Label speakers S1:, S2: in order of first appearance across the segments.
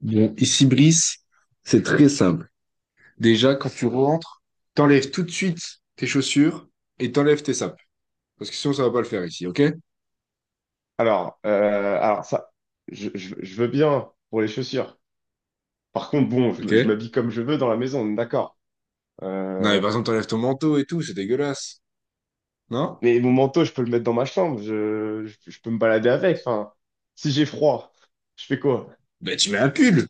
S1: Bon, ici, Brice, c'est très simple. Déjà, quand tu rentres, t'enlèves tout de suite tes chaussures et t'enlèves tes sapes. Parce que sinon, ça va pas le faire ici, ok?
S2: Alors ça, je veux bien pour les chaussures. Par contre, bon,
S1: Ok?
S2: je m'habille comme je veux dans la maison, on est d'accord.
S1: Non, mais
S2: Euh,
S1: par exemple, t'enlèves ton manteau et tout, c'est dégueulasse. Non?
S2: mais mon manteau, je peux le mettre dans ma chambre, je peux me balader avec. Enfin, si j'ai froid, je fais quoi?
S1: Ben, tu mets un pull.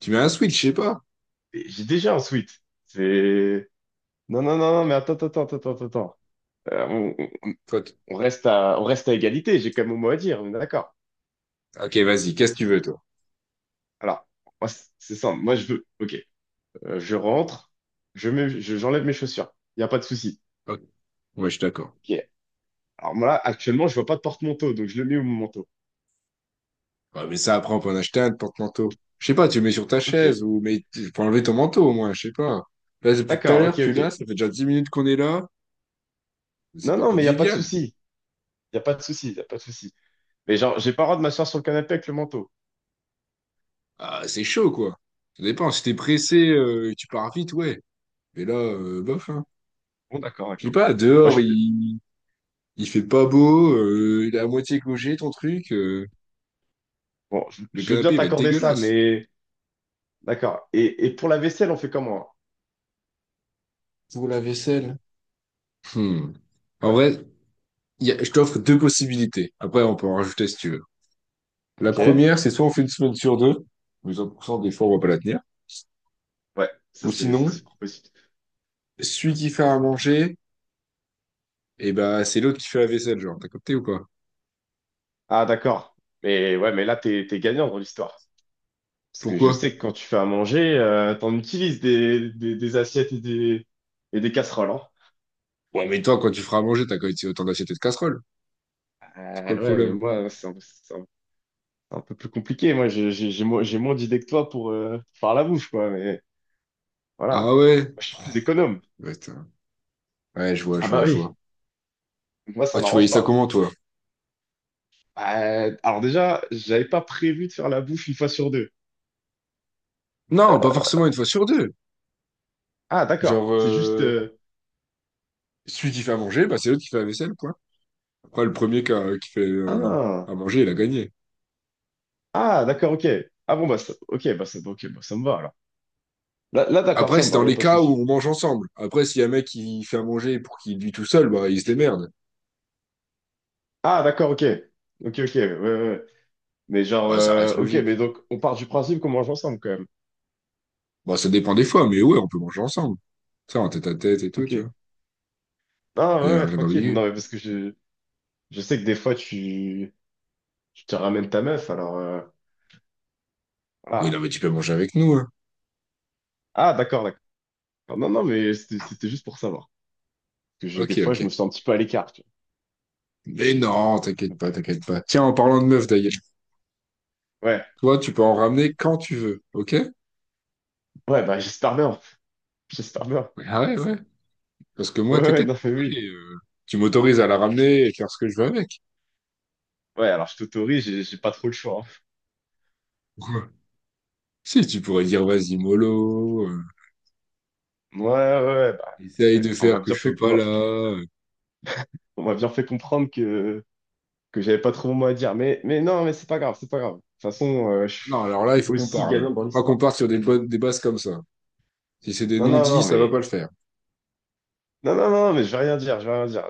S1: Tu mets un switch, je sais pas.
S2: Mais j'ai déjà un sweat. C'est... Non, non, non, non, mais attends, attends, attends, attends, attends. Euh, on, on-
S1: Toi, t-
S2: on reste à égalité, j'ai quand même mon mot à dire, on est d'accord.
S1: ok, vas-y, qu'est-ce que tu veux, toi?
S2: Alors, moi, c'est simple, moi je veux. Ok. Je rentre, j'enlève mes chaussures, il n'y a pas de souci.
S1: Ok. Ouais, je suis d'accord.
S2: Ok. Alors moi, là, actuellement, je vois pas de porte-manteau, donc je le mets au manteau.
S1: Ouais, mais ça, après, on peut en acheter un de porte-manteau. Je sais pas, tu le mets sur ta
S2: Ok,
S1: chaise ou mais tu peux enlever ton manteau au moins, je sais pas. Là, depuis tout à
S2: d'accord,
S1: l'heure,
S2: ok,
S1: tu
S2: ok.
S1: l'as, ça fait déjà 10 minutes qu'on est là. C'est
S2: Non,
S1: pas
S2: non, mais il n'y a pas de
S1: convivial.
S2: souci. Il n'y a pas de souci, il n'y a pas de souci. Mais genre, j'ai pas le droit de m'asseoir sur le canapé avec le manteau.
S1: Ah, c'est chaud, quoi. Ça dépend. Si t'es pressé, tu pars vite, ouais. Mais là, bof, hein.
S2: Bon, d'accord,
S1: Je sais
S2: d'accord.
S1: pas,
S2: Moi,
S1: dehors,
S2: je,
S1: il fait pas beau, il est à moitié cogé, ton truc. euh,
S2: bon,
S1: le
S2: je veux bien
S1: canapé, il va être
S2: t'accorder ça,
S1: dégueulasse.
S2: mais d'accord. Et pour la vaisselle, on fait comment?
S1: Pour la vaisselle. Hmm. En
S2: Ouais,
S1: vrai, je t'offre deux possibilités. Après, on peut en rajouter si tu veux. La
S2: ok.
S1: première, c'est soit on fait une semaine sur deux, mais 100% des fois, on va pas la tenir.
S2: Ouais,
S1: Ou
S2: ça,
S1: sinon,
S2: c'est pour possible.
S1: celui qui fait à manger, et ben, c'est l'autre qui fait la vaisselle, genre. T'as capté ou pas?
S2: Ah, d'accord. Mais ouais, mais là, t'es gagnant dans l'histoire. Parce que je
S1: Pourquoi?
S2: sais que quand tu fais à manger, t'en utilises des assiettes et des casseroles, hein.
S1: Ouais, mais toi, quand tu feras à manger, t'as quand même autant d'assiettes et de casseroles.
S2: Ah
S1: C'est quoi le
S2: ouais, mais
S1: problème?
S2: moi, c'est un, un peu plus compliqué. Moi, j'ai moins d'idées que toi pour faire la bouffe, quoi. Mais voilà, moi,
S1: Ah ouais?
S2: je suis plus économe.
S1: Ouais, ouais, je vois,
S2: Ah
S1: je
S2: bah
S1: vois, je
S2: oui,
S1: vois.
S2: moi, ça
S1: Ouais, tu voyais
S2: m'arrange
S1: ça
S2: pas.
S1: comment, toi?
S2: Bah, alors déjà, j'avais pas prévu de faire la bouffe une fois sur deux.
S1: Non, pas forcément une fois sur deux.
S2: Ah, d'accord.
S1: Genre,
S2: C'est juste...
S1: celui qui fait à manger, bah, c'est l'autre qui fait la vaisselle, quoi. Après, le premier qui fait
S2: ah,
S1: à manger, il a gagné.
S2: ah d'accord, ok. Ah bon, bah, ça... ok, bah, ça... ok, bah, ça me va, alors. Là, là, d'accord,
S1: Après,
S2: ça me
S1: c'est
S2: va,
S1: dans
S2: y a
S1: les
S2: pas de
S1: cas où
S2: souci.
S1: on mange ensemble. Après, s'il y a un mec qui fait à manger pour qu'il lui tout seul, bah, il se démerde.
S2: Ah, d'accord, ok. Ok, ok, ouais, ouais, ouais. Mais genre,
S1: Ouais, ça reste
S2: ok, mais
S1: logique.
S2: donc, on part du principe qu'on mange ensemble, quand même.
S1: Bon, ça dépend des fois, mais ouais, on peut manger ensemble. Ça, en tête à tête et tout, tu
S2: Ok.
S1: vois.
S2: Ah, ouais,
S1: Rien,
S2: ouais,
S1: rien
S2: tranquille.
S1: d'ambigu.
S2: Non, mais parce que je... Je sais que des fois, tu... Tu te ramènes ta meuf, alors...
S1: Oui,
S2: ah,
S1: non, mais tu peux manger avec nous, hein.
S2: ah d'accord, d'accord. Non, non, mais c'était juste pour savoir. Parce que des
S1: Ok,
S2: fois, je me
S1: ok.
S2: sens un petit peu à l'écart, tu
S1: Mais non,
S2: vois.
S1: t'inquiète
S2: Donc,
S1: pas, t'inquiète pas. Tiens, en parlant de meuf d'ailleurs,
S2: ouais,
S1: toi, tu peux en ramener quand tu veux, ok? Ouais,
S2: ouais, bah j'espère bien. J'espère bien.
S1: ah ouais, ouais. Parce que
S2: Ouais,
S1: moi,
S2: ouais,
S1: t'inquiète,
S2: non, mais oui.
S1: allez, tu m'autorises à la ramener et faire ce que je veux avec.
S2: Ouais, alors je t'autorise, j'ai pas trop le choix,
S1: Si, tu pourrais dire, vas-y, mollo,
S2: hein. Ouais, ouais, ouais, bah,
S1: essaye
S2: ouais.
S1: de faire que je sois pas là.
S2: On m'a bien fait comprendre que j'avais pas trop mon mot à dire. Mais non, mais c'est pas grave, c'est pas grave. De toute façon,
S1: Non, alors là,
S2: je
S1: il
S2: suis
S1: faut qu'on
S2: aussi
S1: parle.
S2: gagnant dans
S1: Faut pas qu'on
S2: l'histoire.
S1: parte sur des bases comme ça. Si c'est des
S2: Non, non,
S1: non-dits,
S2: non,
S1: ça va
S2: mais...
S1: pas le faire.
S2: Non, non, non, mais je vais rien dire, je vais rien dire.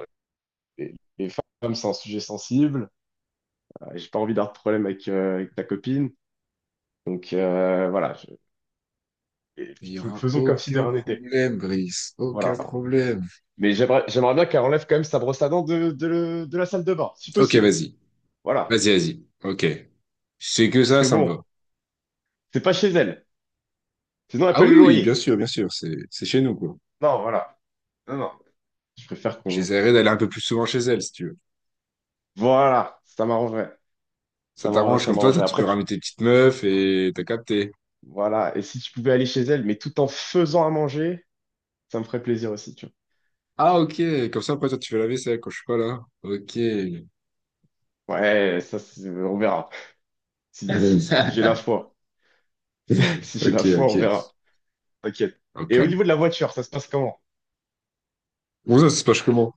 S2: Les femmes, c'est un sujet sensible. Bah, j'ai pas envie d'avoir de problème avec, avec ta copine. Donc voilà, et
S1: Il y aura
S2: faisons comme si de
S1: aucun
S2: rien n'était.
S1: problème, Brice. Aucun
S2: Voilà.
S1: problème.
S2: Mais j'aimerais bien qu'elle enlève quand même sa brosse à dents de la salle de bain, si
S1: Ok,
S2: possible.
S1: vas-y.
S2: Voilà.
S1: Vas-y, vas-y. Ok. Si c'est que
S2: Parce
S1: ça,
S2: que
S1: ça me
S2: bon,
S1: va.
S2: c'est pas chez elle. Sinon, elle
S1: Ah
S2: paye
S1: oui,
S2: le
S1: oui,
S2: loyer.
S1: bien sûr, c'est chez nous, quoi.
S2: Non, voilà. Non, non. Je préfère qu'on...
S1: J'essaierai d'aller un peu plus souvent chez elle, si tu veux.
S2: Voilà, ça m'arrangerait. Ça
S1: Ça
S2: m'arrangerait,
S1: t'arrange,
S2: ça
S1: comme toi, toi,
S2: m'arrangerait.
S1: tu
S2: Après,
S1: peux ramener tes petites meufs et t'as capté.
S2: voilà. Et si tu pouvais aller chez elle, mais tout en faisant à manger, ça me ferait plaisir aussi, tu
S1: Ah, ok, comme ça, après, toi, tu fais la vaisselle quand je suis pas là. Ok.
S2: vois. Ouais, ça, on verra. Si j'ai la foi. Si j'ai
S1: Ok,
S2: la foi, on verra.
S1: ok.
S2: T'inquiète.
S1: Au
S2: Et au
S1: calme.
S2: niveau de la voiture, ça se passe comment?
S1: Bon, ça se passe comment?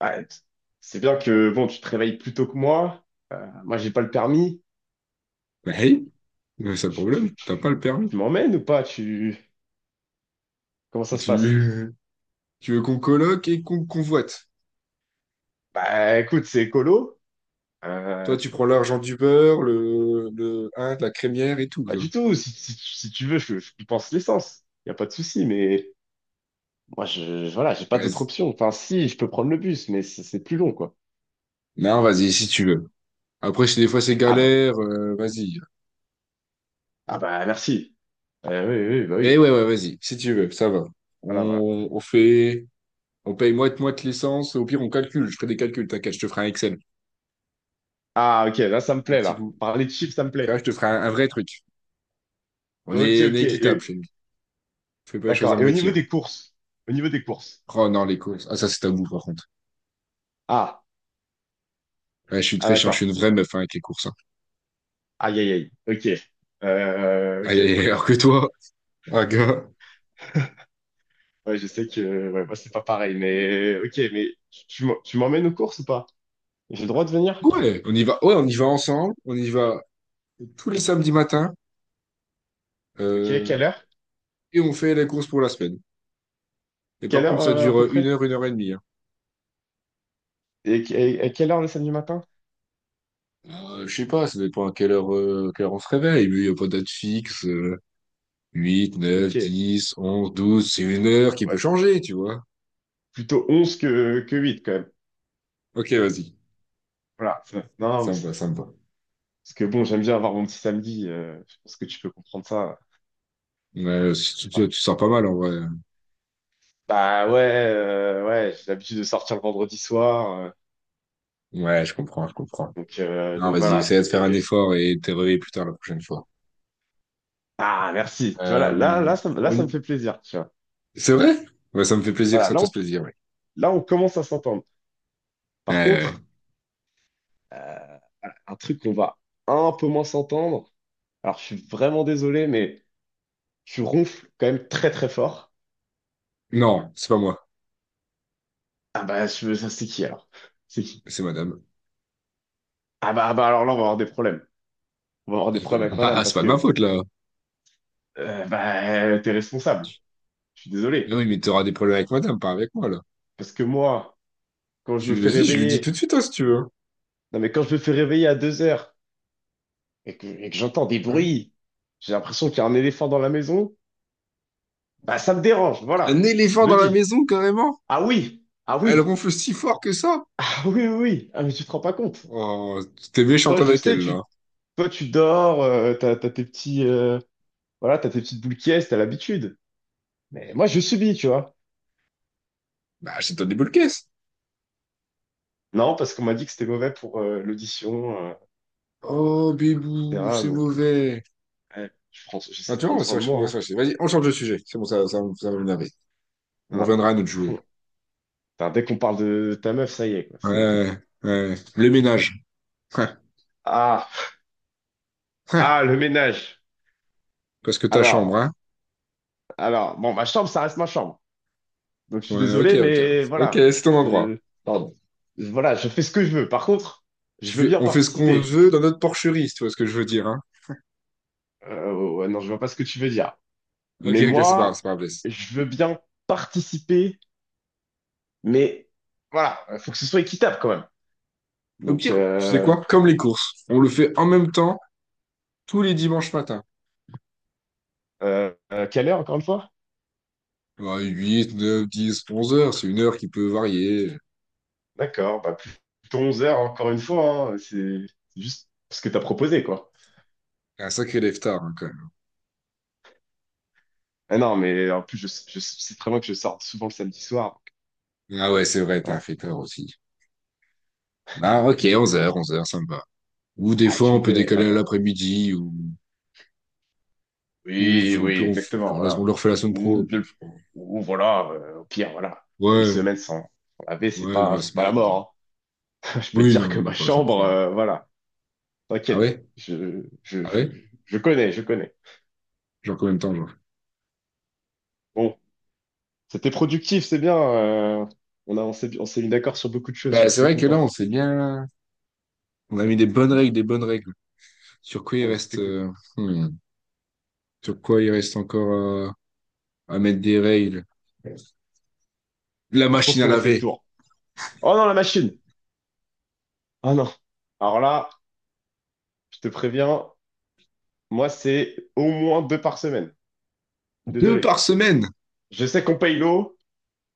S2: Ah, t- c'est bien que bon, tu te réveilles plus tôt que moi. Moi, j'ai pas le permis.
S1: Bah, hey, mais c'est le
S2: Tu, tu,
S1: problème, t'as pas
S2: tu,
S1: le permis.
S2: tu m'emmènes ou pas? Tu... Comment ça se passe?
S1: Tu, tu veux qu'on coloque et qu'on convoite.
S2: Bah écoute, c'est écolo. Euh,
S1: Toi, tu prends l'argent du beurre, le, hein, de la crémière et tout,
S2: pas
S1: toi.
S2: du tout. Si tu veux, je pense l'essence. Y a pas de souci, mais moi, voilà, j'ai pas d'autre
S1: Vas
S2: option. Enfin, si, je peux prendre le bus, mais c'est plus long, quoi.
S1: Non, vas-y, si tu veux. Après, si des fois c'est
S2: Ah bah,
S1: galère, vas-y.
S2: ah bah merci. Oui, oui, oui, bah
S1: Mais
S2: oui.
S1: ouais, ouais, vas-y, si tu veux, ça va.
S2: Voilà, voilà.
S1: On fait, on paye moite-moite licence. Au pire, on calcule. Je ferai des calculs, t'inquiète, je te ferai un Excel.
S2: Ah ok, là, ça
S1: Je te
S2: me
S1: ferai un
S2: plaît,
S1: petit
S2: là.
S1: coup.
S2: Parler de chiffres, ça me
S1: Tu
S2: plaît.
S1: vois, je te ferai un vrai truc. On
S2: Ok,
S1: est, on
S2: ok.
S1: est équitable chez
S2: Et-
S1: nous. Je fais pas les choses
S2: D'accord.
S1: à
S2: Et au niveau
S1: moitié, hein.
S2: des courses? Au niveau des courses.
S1: Oh non, les courses. Ah, ça, c'est tabou, par contre.
S2: Ah,
S1: Ouais, je suis
S2: ah
S1: très chiant, je
S2: d'accord.
S1: suis une vraie meuf hein, avec les courses, hein.
S2: Aïe, aïe, aïe. Ok.
S1: Aïe,
S2: Ok,
S1: aïe,
S2: bon.
S1: aïe, alors que toi, un gars.
S2: Ouais, je sais que ouais, moi, c'est pas pareil, mais ok, mais tu m'emmènes aux courses ou pas? J'ai le droit de venir?
S1: Ouais, on y va. Ouais, on y va ensemble. On y va tous les samedis matins.
S2: Ok,
S1: euh,
S2: quelle heure?
S1: et on fait les courses pour la semaine. Et par
S2: Quelle heure
S1: contre, ça
S2: à
S1: dure
S2: peu
S1: une
S2: près?
S1: heure, 1 heure et demie, hein.
S2: Et quelle heure le samedi matin?
S1: Je sais pas, ça dépend à quelle heure on se réveille. Lui, il n'y a pas de date fixe. 8,
S2: Ok.
S1: 9, 10, 11, 12, c'est une heure qui peut
S2: Ouais,
S1: changer, tu vois.
S2: plutôt 11 que 8 quand même.
S1: Ok, vas-y.
S2: Voilà. Non, non, mais c'est...
S1: Sympa, sympa.
S2: Parce que bon, j'aime bien avoir mon petit samedi, je pense que tu peux comprendre ça.
S1: Ouais, tu,
S2: Voilà.
S1: tu, tu sors pas mal en vrai.
S2: Bah ouais, ouais, j'ai l'habitude de sortir le vendredi soir,
S1: Ouais, je comprends, je comprends.
S2: donc,
S1: Non,
S2: donc
S1: vas-y,
S2: voilà,
S1: essaie de faire un
S2: c'est...
S1: effort et de te réveiller plus tard la prochaine fois.
S2: Ah, merci. Tu vois, là,
S1: Euh,
S2: là,
S1: au-
S2: ça me fait plaisir, tu vois.
S1: C'est vrai? Ouais, ça me fait plaisir que
S2: Voilà,
S1: ça te fasse plaisir, ouais.
S2: là, on commence à s'entendre.
S1: Ouais,
S2: Par
S1: ouais.
S2: contre,
S1: Ouais.
S2: euh, un truc qu'on va un peu moins s'entendre, alors je suis vraiment désolé, mais tu ronfles quand même très, très fort.
S1: Non, c'est pas moi,
S2: Ça, c'est qui, alors? C'est qui?
S1: c'est madame.
S2: Ah bah, alors là, on va avoir des problèmes. On va avoir des problèmes avec madame,
S1: Ah, c'est
S2: parce
S1: pas de ma
S2: que,
S1: faute, là.
S2: bah, t'es responsable. Je suis
S1: Mais
S2: désolé.
S1: oui, mais t'auras des problèmes avec madame, pas avec moi, là.
S2: Parce que moi, quand je me fais
S1: Vas-y, je lui dis tout
S2: réveiller...
S1: de suite, hein, si tu veux,
S2: Non, mais quand je me fais réveiller à 2 heures et que j'entends des
S1: hein.
S2: bruits, j'ai l'impression qu'il y a un éléphant dans la maison, bah ça me dérange,
S1: Un
S2: voilà, je
S1: éléphant
S2: le
S1: dans la
S2: dis.
S1: maison, carrément?
S2: Ah oui, ah
S1: Elle
S2: oui,
S1: ronfle si fort que ça?
S2: ah oui, oui, oui, ah mais tu te rends pas compte.
S1: Oh, t'es
S2: Toi,
S1: méchante
S2: je
S1: avec
S2: sais,
S1: elle,
S2: tu,
S1: là.
S2: toi tu dors, t'as tes petits, voilà, t'as tes petites boules qui est, t'as l'habitude. Mais moi je subis, tu vois.
S1: Bah, achète-toi des boules caisses.
S2: Non, parce qu'on m'a dit que c'était mauvais pour l'audition,
S1: Oh, bébou,
S2: etc.
S1: c'est
S2: Donc,
S1: mauvais.
S2: ouais,
S1: Ah,
S2: j'essaie de
S1: tu vois, on
S2: prendre
S1: va se
S2: soin de
S1: fâcher. On
S2: moi,
S1: va se
S2: hein.
S1: fâcher. Vas-y, on change de sujet. C'est bon, ça, ça va m'énerver.
S2: Non,
S1: On
S2: non,
S1: reviendra à notre
S2: c'est
S1: jouet.
S2: bon. Putain, dès qu'on parle de ta meuf, ça y est, quoi. C'est...
S1: Ouais, ouais. Le ménage. Hein,
S2: Ah,
S1: hein.
S2: ah, le ménage.
S1: Parce que ta chambre,
S2: Alors.
S1: hein?
S2: Alors, bon, ma chambre, ça reste ma chambre. Donc, je suis
S1: Ouais, ok,
S2: désolé,
S1: ok.
S2: mais
S1: Ok,
S2: voilà.
S1: c'est ton endroit. Pardon.
S2: Voilà, je fais ce que je veux. Par contre, je veux bien
S1: On fait ce qu'on
S2: participer.
S1: veut dans notre porcherie, si tu vois ce que je veux dire, hein?
S2: Ouais, non, je vois pas ce que tu veux dire.
S1: Ok,
S2: Mais
S1: ok, c'est pas grave, c'est
S2: moi,
S1: pas grave. Laisse.
S2: je veux bien participer, mais voilà, faut que ce soit équitable quand même.
S1: Au
S2: Donc,
S1: pire, tu sais quoi? Comme les courses. On le fait en même temps. Tous les dimanches matin.
S2: quelle heure encore une fois?
S1: Ouais, 8, 9, 10, 11 heures, c'est une heure qui peut varier.
S2: D'accord, bah, plutôt 11 heures encore une fois, hein. C'est juste ce que t'as proposé, quoi.
S1: Un sacré lève-tard, hein, quand même.
S2: Ah non, mais en plus, je sais très bien que je sors souvent le samedi soir, donc,
S1: Ah ouais, c'est vrai, t'es un
S2: voilà.
S1: fêteur aussi. Ah
S2: Ah
S1: ok,
S2: oui.
S1: 11 heures, 11 heures, ça me va. Ou des
S2: Ah,
S1: fois,
S2: tu me
S1: on peut
S2: connais,
S1: décaler à
S2: voilà.
S1: l'après-midi, ou, ou,
S2: Oui,
S1: ou
S2: oui,
S1: puis on,
S2: exactement,
S1: genre, on
S2: voilà.
S1: le refait la semaine
S2: Ou,
S1: pro. Puis,
S2: de- ou voilà, au pire, voilà, une
S1: ouais,
S2: semaine sans laver,
S1: ouais, dans la
S2: c'est pas la
S1: semaine.
S2: mort, hein. Je peux te
S1: Oui,
S2: dire
S1: non,
S2: que
S1: on
S2: ma
S1: y passe
S2: chambre,
S1: après.
S2: voilà,
S1: Ah
S2: t'inquiète,
S1: ouais? Ah ouais?
S2: je connais, je connais.
S1: Genre combien de temps, genre?
S2: Bon, c'était productif, c'est bien, on a, on s'est mis d'accord sur beaucoup de choses, je suis
S1: Bah, c'est
S2: assez
S1: vrai que là,
S2: content.
S1: on s'est bien. On a mis des bonnes règles, des bonnes règles. Sur quoi il
S2: Non, mais c'était
S1: reste...
S2: cool.
S1: euh, hmm, Sur quoi il reste encore à mettre des règles? La
S2: Ah, je pense
S1: machine à
S2: qu'on a fait le
S1: laver.
S2: tour. Oh non, la machine! Oh non! Alors là, je te préviens, moi, c'est au moins 2 par semaine.
S1: Deux
S2: Désolé.
S1: par semaine.
S2: Je sais qu'on paye l'eau.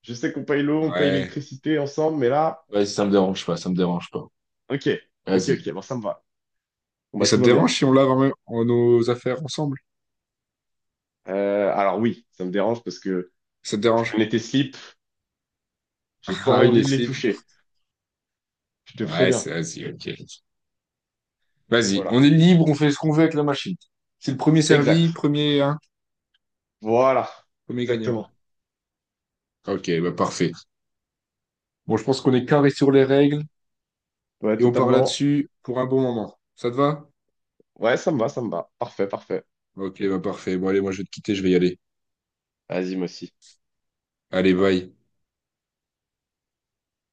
S2: Je sais qu'on paye l'eau, on paye
S1: Ouais.
S2: l'électricité ensemble, mais là,
S1: Ouais, ça me dérange pas, ça me dérange pas.
S2: ok, ok,
S1: Vas-y.
S2: ok, bon, ça me va. Bon,
S1: Et
S2: bah,
S1: ça
S2: tout
S1: te
S2: va bien.
S1: dérange si on lave en nos affaires ensemble?
S2: Alors oui, ça me dérange parce que
S1: Ça te
S2: je
S1: dérange?
S2: connais tes slips, j'ai pas
S1: Ah oui,
S2: envie
S1: les
S2: de les
S1: slips.
S2: toucher. Je te
S1: Ouais,
S2: préviens.
S1: c'est vas-y, ok. Vas-y,
S2: Voilà.
S1: on est libre, on fait ce qu'on veut avec la machine. C'est le premier servi,
S2: Exact.
S1: premier, hein,
S2: Voilà.
S1: premier gagnant.
S2: Exactement.
S1: Ok, bah parfait. Bon, je pense qu'on est carré sur les règles
S2: Ouais,
S1: et on part
S2: totalement.
S1: là-dessus pour un bon moment. Ça te va?
S2: Ouais, ça me va, ça me va. Parfait, parfait.
S1: Ok, bah parfait. Bon, allez, moi je vais te quitter, je vais y aller.
S2: Vas-y, moi aussi.
S1: Allez, bye.